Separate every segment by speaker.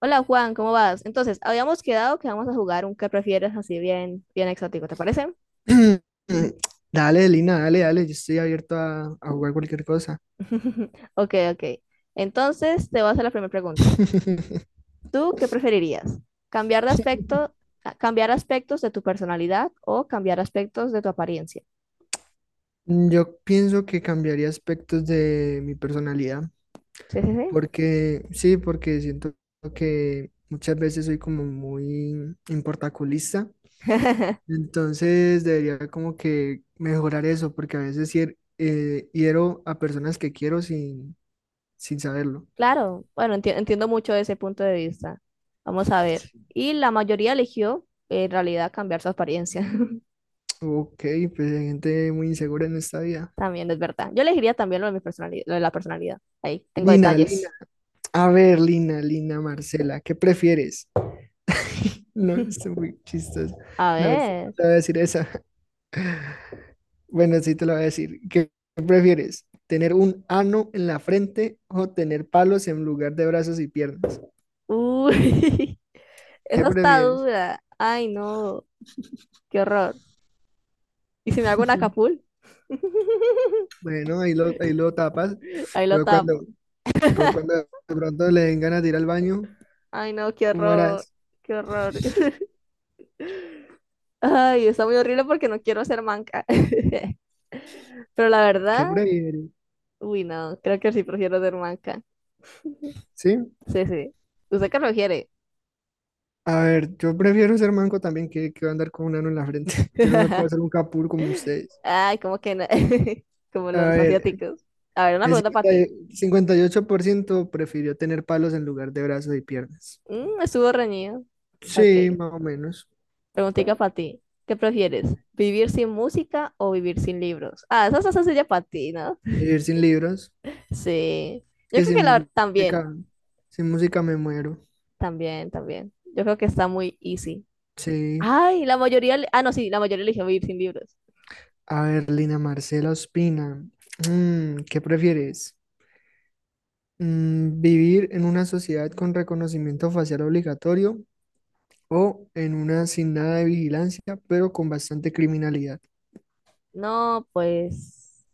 Speaker 1: Hola Juan, ¿cómo vas? Entonces, habíamos quedado que vamos a jugar un que prefieres así bien, bien exótico, ¿te parece?
Speaker 2: Dale, Lina, dale, dale, yo estoy abierto a jugar cualquier cosa.
Speaker 1: Ok, ok. Entonces, te voy a hacer la primera pregunta. ¿Tú qué preferirías? ¿Cambiar de aspecto, cambiar aspectos de tu personalidad o cambiar aspectos de tu apariencia?
Speaker 2: Mm, yo pienso que cambiaría aspectos de mi personalidad,
Speaker 1: Sí, sí,
Speaker 2: porque sí, porque siento que muchas veces soy como muy importaculista,
Speaker 1: sí.
Speaker 2: entonces debería como que mejorar eso, porque a veces hiero a personas que quiero sin saberlo.
Speaker 1: Claro, bueno, entiendo mucho ese punto de vista. Vamos a ver. Y la mayoría eligió en realidad cambiar su apariencia.
Speaker 2: Ok, pues hay gente muy insegura en esta vida.
Speaker 1: También es verdad. Yo elegiría también lo de mi personalidad, lo de la personalidad. Ahí tengo
Speaker 2: Lina, Lina,
Speaker 1: detalles.
Speaker 2: a ver, Marcela, ¿qué prefieres? No, está muy chistoso.
Speaker 1: A
Speaker 2: No, es-
Speaker 1: ver.
Speaker 2: Te voy a decir esa. Bueno, sí te lo voy a decir. ¿Qué prefieres? ¿Tener un ano en la frente o tener palos en lugar de brazos y piernas?
Speaker 1: Uy,
Speaker 2: ¿Qué
Speaker 1: eso está
Speaker 2: prefieres?
Speaker 1: dura. Ay, no, qué horror. ¿Y si me hago un acapul?
Speaker 2: Bueno, ahí lo tapas,
Speaker 1: Ahí lo
Speaker 2: pero cuando,
Speaker 1: tapo.
Speaker 2: pero cuando de pronto le den ganas de ir al baño,
Speaker 1: Ay, no, qué
Speaker 2: ¿cómo
Speaker 1: horror,
Speaker 2: harás?
Speaker 1: qué horror. Ay, está muy horrible porque no quiero ser manca. Pero la
Speaker 2: ¿Qué
Speaker 1: verdad,
Speaker 2: prefieres?
Speaker 1: uy, no, creo que sí prefiero ser manca.
Speaker 2: ¿Sí?
Speaker 1: Sí, sí. ¿Usted qué prefiere?
Speaker 2: A ver, yo prefiero ser manco también que andar con un ano en la frente. Yo no me puedo hacer un capul como ustedes.
Speaker 1: Ay, como que no. Como
Speaker 2: A
Speaker 1: los
Speaker 2: ver,
Speaker 1: asiáticos. A ver, una
Speaker 2: el
Speaker 1: pregunta para ti.
Speaker 2: 58% prefirió tener palos en lugar de brazos y piernas.
Speaker 1: Estuvo reñido. Ok.
Speaker 2: Sí, más o menos.
Speaker 1: Preguntica para ti. ¿Qué prefieres? ¿Vivir sin música o vivir sin libros? Ah, esa es sencilla para ti, ¿no?
Speaker 2: Vivir sin libros,
Speaker 1: Sí. Yo
Speaker 2: que
Speaker 1: creo que
Speaker 2: sin
Speaker 1: la también,
Speaker 2: música, sin música me muero.
Speaker 1: también, también. Yo creo que está muy easy.
Speaker 2: Sí.
Speaker 1: Ay, la mayoría, no, sí, la mayoría eligió vivir sin libros.
Speaker 2: A ver, Lina Marcela Ospina, ¿qué prefieres? ¿Vivir en una sociedad con reconocimiento facial obligatorio o en una sin nada de vigilancia, pero con bastante criminalidad?
Speaker 1: No, pues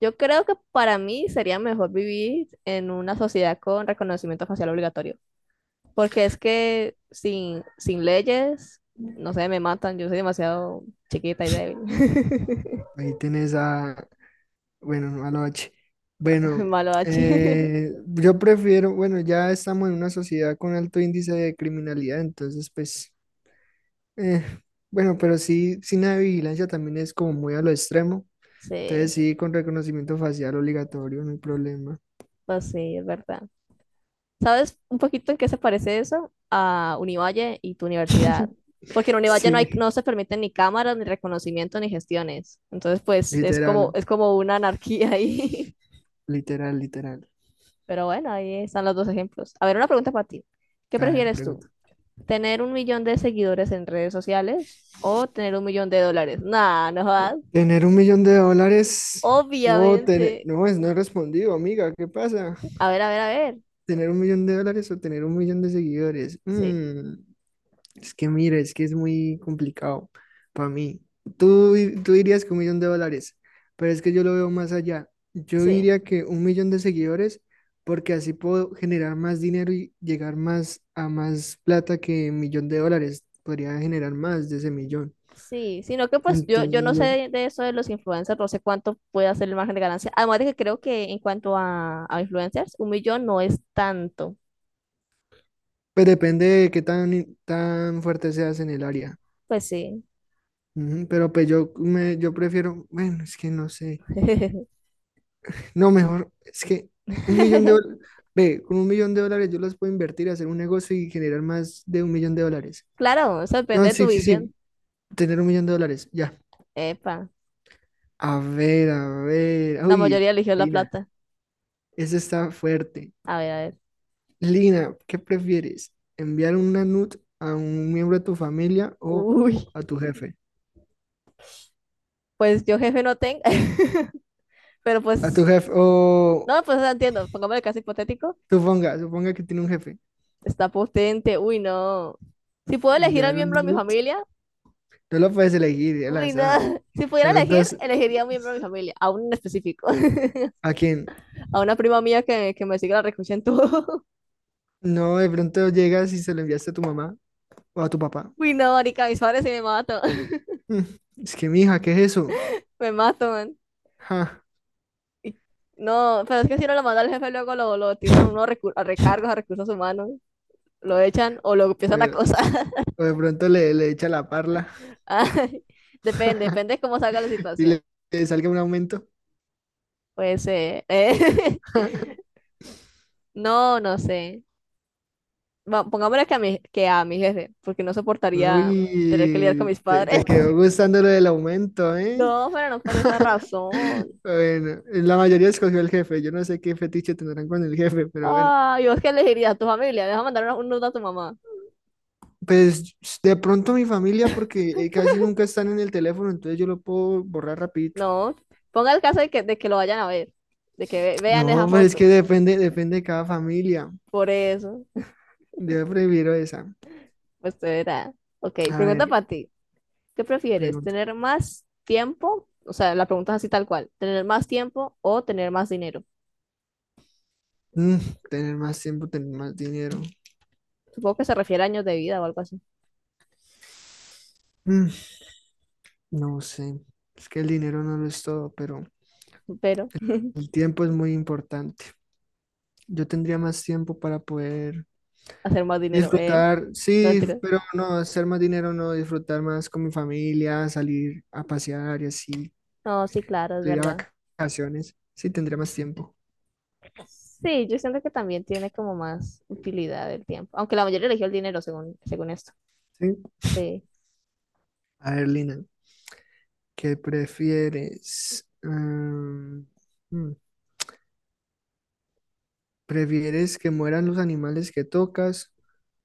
Speaker 1: yo creo que para mí sería mejor vivir en una sociedad con reconocimiento facial obligatorio. Porque es que sin, sin leyes, no sé, me matan. Yo soy demasiado chiquita y débil.
Speaker 2: Ahí tenés a, bueno, noche. Bueno,
Speaker 1: Malo H.
Speaker 2: yo prefiero, bueno, ya estamos en una sociedad con alto índice de criminalidad, entonces pues, eh, bueno, pero sí, sin la vigilancia también es como muy a lo extremo. Entonces
Speaker 1: Sí,
Speaker 2: sí, con reconocimiento facial obligatorio, no hay problema.
Speaker 1: pues sí, es verdad. ¿Sabes un poquito en qué se parece eso a Univalle y tu universidad? Porque en Univalle no, hay,
Speaker 2: Sí,
Speaker 1: no se permiten ni cámaras, ni reconocimiento, ni gestiones. Entonces, pues
Speaker 2: literal,
Speaker 1: es como una anarquía ahí.
Speaker 2: literal.
Speaker 1: Pero bueno, ahí están los dos ejemplos. A ver, una pregunta para ti. ¿Qué
Speaker 2: A ver,
Speaker 1: prefieres tú?
Speaker 2: pregunta.
Speaker 1: Tener 1 millón de seguidores en redes sociales o tener 1 millón de dólares. Nah, no jodas.
Speaker 2: ¿Tener 1 millón de dólares o tener,
Speaker 1: Obviamente.
Speaker 2: no, es, no he respondido, amiga? ¿Qué pasa?
Speaker 1: A ver, a ver, a ver.
Speaker 2: ¿Tener 1 millón de dólares o tener 1 millón de seguidores?
Speaker 1: Sí,
Speaker 2: Mm. Es que mira, es que es muy complicado para mí. Tú dirías que 1 millón de dólares, pero es que yo lo veo más allá. Yo
Speaker 1: sí,
Speaker 2: diría que 1 millón de seguidores, porque así puedo generar más dinero y llegar más a más plata que 1 millón de dólares. Podría generar más de ese millón.
Speaker 1: sí. Sino que pues yo,
Speaker 2: Entonces
Speaker 1: no sé
Speaker 2: yo,
Speaker 1: de eso de los influencers, no sé cuánto puede hacer el margen de ganancia. Además de que creo que en cuanto a influencers, un millón no es tanto.
Speaker 2: pues depende de qué tan fuerte seas en el área.
Speaker 1: Pues sí.
Speaker 2: Ujú. Pero pues yo prefiero, bueno, es que no sé. No, mejor, es que 1 millón de dólares, ve, con 1 millón de dólares yo los puedo invertir, hacer un negocio y generar más de 1 millón de dólares.
Speaker 1: Claro, eso depende
Speaker 2: No,
Speaker 1: de tu
Speaker 2: sí, sí,
Speaker 1: visión.
Speaker 2: sí, tener 1 millón de dólares, ya.
Speaker 1: Epa,
Speaker 2: A ver,
Speaker 1: la
Speaker 2: uy,
Speaker 1: mayoría eligió la
Speaker 2: Lina,
Speaker 1: plata.
Speaker 2: eso está fuerte.
Speaker 1: A ver, a ver.
Speaker 2: Lina, ¿qué prefieres? ¿Enviar una NUT a un miembro de tu familia o
Speaker 1: Uy,
Speaker 2: a tu jefe?
Speaker 1: pues yo jefe no tengo, pero
Speaker 2: A tu
Speaker 1: pues
Speaker 2: jefe, o
Speaker 1: no, pues no entiendo. Pongamos el caso hipotético.
Speaker 2: suponga, suponga que tiene un jefe.
Speaker 1: Está potente. Uy, no. Si puedo elegir a un
Speaker 2: Enviar un
Speaker 1: miembro de mi
Speaker 2: NUT,
Speaker 1: familia,
Speaker 2: no lo puedes elegir al
Speaker 1: uy, no.
Speaker 2: azar.
Speaker 1: Si
Speaker 2: De
Speaker 1: pudiera
Speaker 2: pronto,
Speaker 1: elegir,
Speaker 2: es-
Speaker 1: elegiría a un miembro de mi familia, a un en específico.
Speaker 2: ¿A quién?
Speaker 1: A una prima mía que me sigue la recocha en todo.
Speaker 2: No, de pronto llegas y se lo enviaste a tu mamá o a tu papá.
Speaker 1: Uy, no, marica, mis padres sí me matan.
Speaker 2: Mm, es que, mija, ¿qué es eso?
Speaker 1: Me matan.
Speaker 2: Ja.
Speaker 1: Y, no, pero es que si no lo manda al jefe, luego lo, tiran uno a, a recargos, a recursos humanos. Lo echan o lo
Speaker 2: O,
Speaker 1: empiezan a
Speaker 2: de
Speaker 1: acosar.
Speaker 2: o de pronto le echa la parla
Speaker 1: Ay, depende, depende de cómo salga la
Speaker 2: y
Speaker 1: situación.
Speaker 2: le salga un aumento.
Speaker 1: Pues, no, no sé. Pongámosle que a mi jefe, porque no soportaría tener que lidiar con
Speaker 2: Uy,
Speaker 1: mis padres.
Speaker 2: te quedó gustando lo del aumento, ¿eh?
Speaker 1: No, pero no por esa razón.
Speaker 2: Bueno, la mayoría escogió el jefe. Yo no sé qué fetiche tendrán con el jefe, pero bueno.
Speaker 1: Ah, yo es que le diría a tu familia, deja mandar un nudo a tu mamá.
Speaker 2: Pues de pronto mi familia, porque casi nunca están en el teléfono, entonces yo lo puedo borrar rapidito.
Speaker 1: No, ponga el caso de que lo vayan a ver, de que vean esa
Speaker 2: No, pues es que
Speaker 1: foto.
Speaker 2: depende, depende de cada familia.
Speaker 1: Por eso,
Speaker 2: Yo prefiero esa.
Speaker 1: pues te verá. Ok,
Speaker 2: A
Speaker 1: pregunta
Speaker 2: ver,
Speaker 1: para ti. ¿Qué prefieres?
Speaker 2: pregunta.
Speaker 1: ¿Tener más tiempo? O sea, la pregunta es así tal cual. ¿Tener más tiempo o tener más dinero?
Speaker 2: Mm, tener más tiempo, tener más dinero.
Speaker 1: Supongo que se refiere a años de vida o algo así.
Speaker 2: Mm, no sé. Es que el dinero no lo es todo, pero
Speaker 1: Pero
Speaker 2: el tiempo es muy importante. Yo tendría más tiempo para poder
Speaker 1: hacer más dinero, ¿eh?
Speaker 2: disfrutar,
Speaker 1: No,
Speaker 2: sí,
Speaker 1: mentira.
Speaker 2: pero no, hacer más dinero, no, disfrutar más con mi familia, salir a pasear y así,
Speaker 1: No, sí, claro, es
Speaker 2: ir a
Speaker 1: verdad.
Speaker 2: vacaciones. Sí, tendría más tiempo.
Speaker 1: Sí, yo siento que también tiene como más utilidad el tiempo, aunque la mayoría eligió el dinero según, según esto.
Speaker 2: Sí.
Speaker 1: Sí.
Speaker 2: A ver, Lina, ¿qué prefieres? Ah, mm, ¿prefieres que mueran los animales que tocas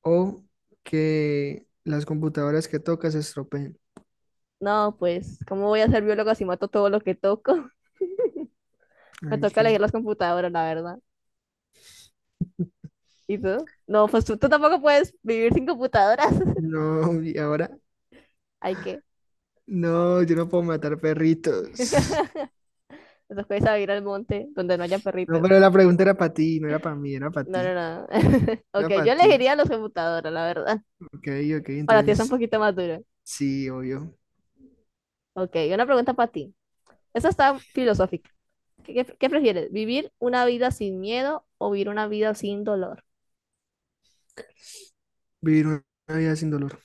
Speaker 2: o que las computadoras que tocas se estropeen?
Speaker 1: No, pues, ¿cómo voy a ser biólogo si mato todo lo que toco? Me
Speaker 2: Ay,
Speaker 1: toca elegir
Speaker 2: que
Speaker 1: las computadoras, la verdad. ¿Y tú? No, pues tú tampoco puedes vivir sin computadoras.
Speaker 2: no, y ahora
Speaker 1: Hay que.
Speaker 2: no, yo no puedo matar perritos.
Speaker 1: Nos puedes a ir al monte donde no haya
Speaker 2: No,
Speaker 1: perritos.
Speaker 2: pero la pregunta era para ti, no era para mí, era para
Speaker 1: No, no,
Speaker 2: ti.
Speaker 1: no. Ok,
Speaker 2: Era para
Speaker 1: yo
Speaker 2: ti.
Speaker 1: elegiría las computadoras, la verdad.
Speaker 2: Ok, ok,
Speaker 1: Para ti es un
Speaker 2: entonces
Speaker 1: poquito más duro.
Speaker 2: sí, obvio.
Speaker 1: Ok, una pregunta para ti. Esta está filosófica. ¿Qué, qué prefieres? ¿Vivir una vida sin miedo o vivir una vida sin dolor?
Speaker 2: Vivir una vida sin dolor.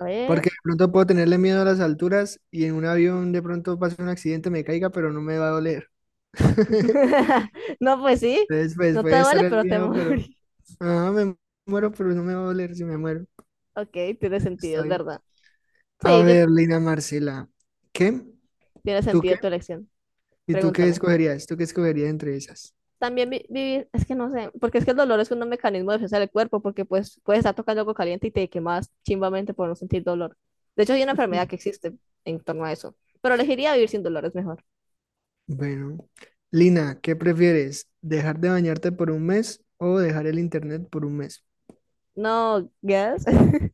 Speaker 1: A ver.
Speaker 2: Porque de pronto puedo tenerle miedo a las alturas y en un avión de pronto pase un accidente, me caiga, pero no me va a doler.
Speaker 1: No, pues sí.
Speaker 2: Entonces, pues
Speaker 1: No te
Speaker 2: puede estar
Speaker 1: duele,
Speaker 2: el
Speaker 1: pero te
Speaker 2: miedo, pero
Speaker 1: morís.
Speaker 2: ah, me muero, pero no me va a doler si me muero.
Speaker 1: Ok, tiene sentido,
Speaker 2: Está
Speaker 1: es
Speaker 2: bien.
Speaker 1: verdad.
Speaker 2: A
Speaker 1: Sí, yo
Speaker 2: ver, Lina Marcela, ¿qué?
Speaker 1: tiene
Speaker 2: ¿Tú qué?
Speaker 1: sentido tu elección.
Speaker 2: ¿Y tú qué
Speaker 1: Pregúntame.
Speaker 2: escogerías? ¿Tú qué escogerías entre esas?
Speaker 1: También vivir, es que no sé, porque es que el dolor es un mecanismo de defensa del cuerpo, porque pues puedes estar tocando algo caliente y te quemas chimbamente por no sentir dolor. De hecho, hay una enfermedad que existe en torno a eso, pero elegiría vivir sin dolor, es mejor.
Speaker 2: Bueno, Lina, ¿qué prefieres? ¿Dejar de bañarte por 1 mes o dejar el internet por 1 mes?
Speaker 1: No, guess.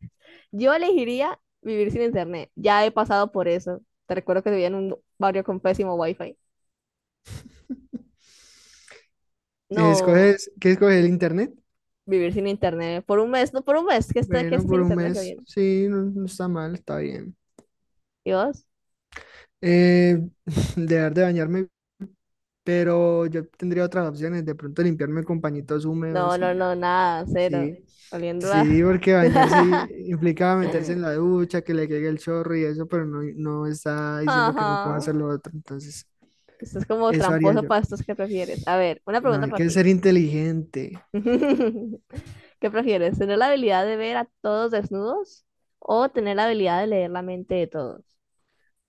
Speaker 1: Yo elegiría vivir sin internet. Ya he pasado por eso. Te recuerdo que vivía en un barrio con pésimo wifi. No,
Speaker 2: ¿Escoges, qué escoges el internet?
Speaker 1: vivir sin internet. Por un mes, no, por un mes que
Speaker 2: Bueno,
Speaker 1: estoy sin
Speaker 2: por un
Speaker 1: internet, está
Speaker 2: mes,
Speaker 1: bien.
Speaker 2: sí, no, no está mal, está bien.
Speaker 1: ¿Y vos?
Speaker 2: Eh, dejar de bañarme, pero yo tendría otras opciones, de pronto limpiarme con pañitos
Speaker 1: No,
Speaker 2: húmedos y
Speaker 1: no,
Speaker 2: ya.
Speaker 1: no, nada, cero.
Speaker 2: Sí,
Speaker 1: Oliendo a...
Speaker 2: sí, porque implicaba meterse en la ducha, que le caiga el chorro y eso, pero no, no está diciendo que no pueda
Speaker 1: Ajá.
Speaker 2: hacer lo otro. Entonces,
Speaker 1: Esto es como
Speaker 2: eso haría
Speaker 1: tramposo
Speaker 2: yo.
Speaker 1: para estos que prefieres. A ver, una
Speaker 2: No,
Speaker 1: pregunta
Speaker 2: hay
Speaker 1: para
Speaker 2: que
Speaker 1: ti.
Speaker 2: ser inteligente.
Speaker 1: ¿Qué prefieres? ¿Tener la habilidad de ver a todos desnudos o tener la habilidad de leer la mente de todos?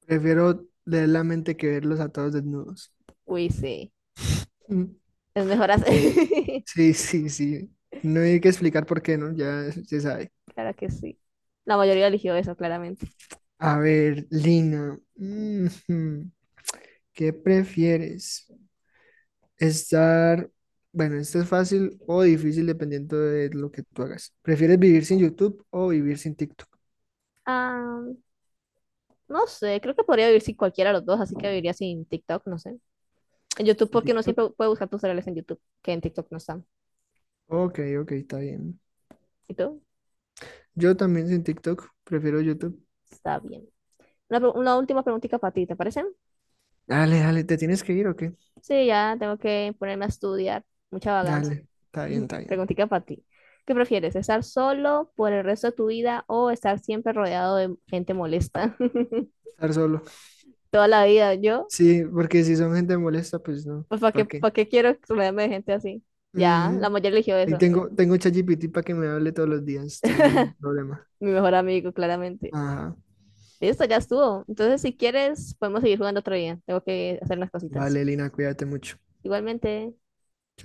Speaker 2: Prefiero leer la mente que verlos a todos desnudos.
Speaker 1: Uy, sí.
Speaker 2: Mm.
Speaker 1: Es mejor hacer.
Speaker 2: Sí, sí, sí. No hay que explicar por qué, ¿no? Ya se sabe.
Speaker 1: Claro que sí. La mayoría eligió eso, claramente.
Speaker 2: A ver, Lina, ujú, ¿qué prefieres? Estar, bueno, esto es fácil o difícil dependiendo de lo que tú hagas. ¿Prefieres vivir sin YouTube o vivir sin TikTok?
Speaker 1: Ah, no sé, creo que podría vivir sin cualquiera de los dos, así que viviría sin TikTok, no sé. En YouTube,
Speaker 2: ¿Sin
Speaker 1: porque uno siempre
Speaker 2: TikTok?
Speaker 1: puede buscar tus reales en YouTube, que en TikTok no están.
Speaker 2: Ok, ok, está bien.
Speaker 1: ¿Y tú?
Speaker 2: Yo también sin TikTok, prefiero YouTube.
Speaker 1: Está bien. Una, una última preguntita para ti, ¿te parece?
Speaker 2: Dale, dale, ¿te tienes que ir o qué?
Speaker 1: Sí, ya tengo que ponerme a estudiar. Mucha vagancia.
Speaker 2: Dale, está bien, está bien.
Speaker 1: Preguntita para ti. ¿Qué prefieres? ¿Estar solo por el resto de tu vida o estar siempre rodeado de gente molesta?
Speaker 2: Estar solo.
Speaker 1: Toda la vida, yo.
Speaker 2: Sí, porque si son gente molesta, pues no,
Speaker 1: Pues
Speaker 2: ¿para qué?
Speaker 1: para qué quiero rodearme de gente así. Ya, la
Speaker 2: Ujú.
Speaker 1: mujer eligió
Speaker 2: Ahí
Speaker 1: eso.
Speaker 2: tengo, tengo ChatGPT para que me hable todos los días, entonces no hay problema.
Speaker 1: Mi mejor amigo, claramente.
Speaker 2: Ajá.
Speaker 1: Listo, ya estuvo. Entonces, si quieres, podemos seguir jugando otro día. Tengo que hacer unas cositas.
Speaker 2: Vale, Lina, cuídate mucho.
Speaker 1: Igualmente.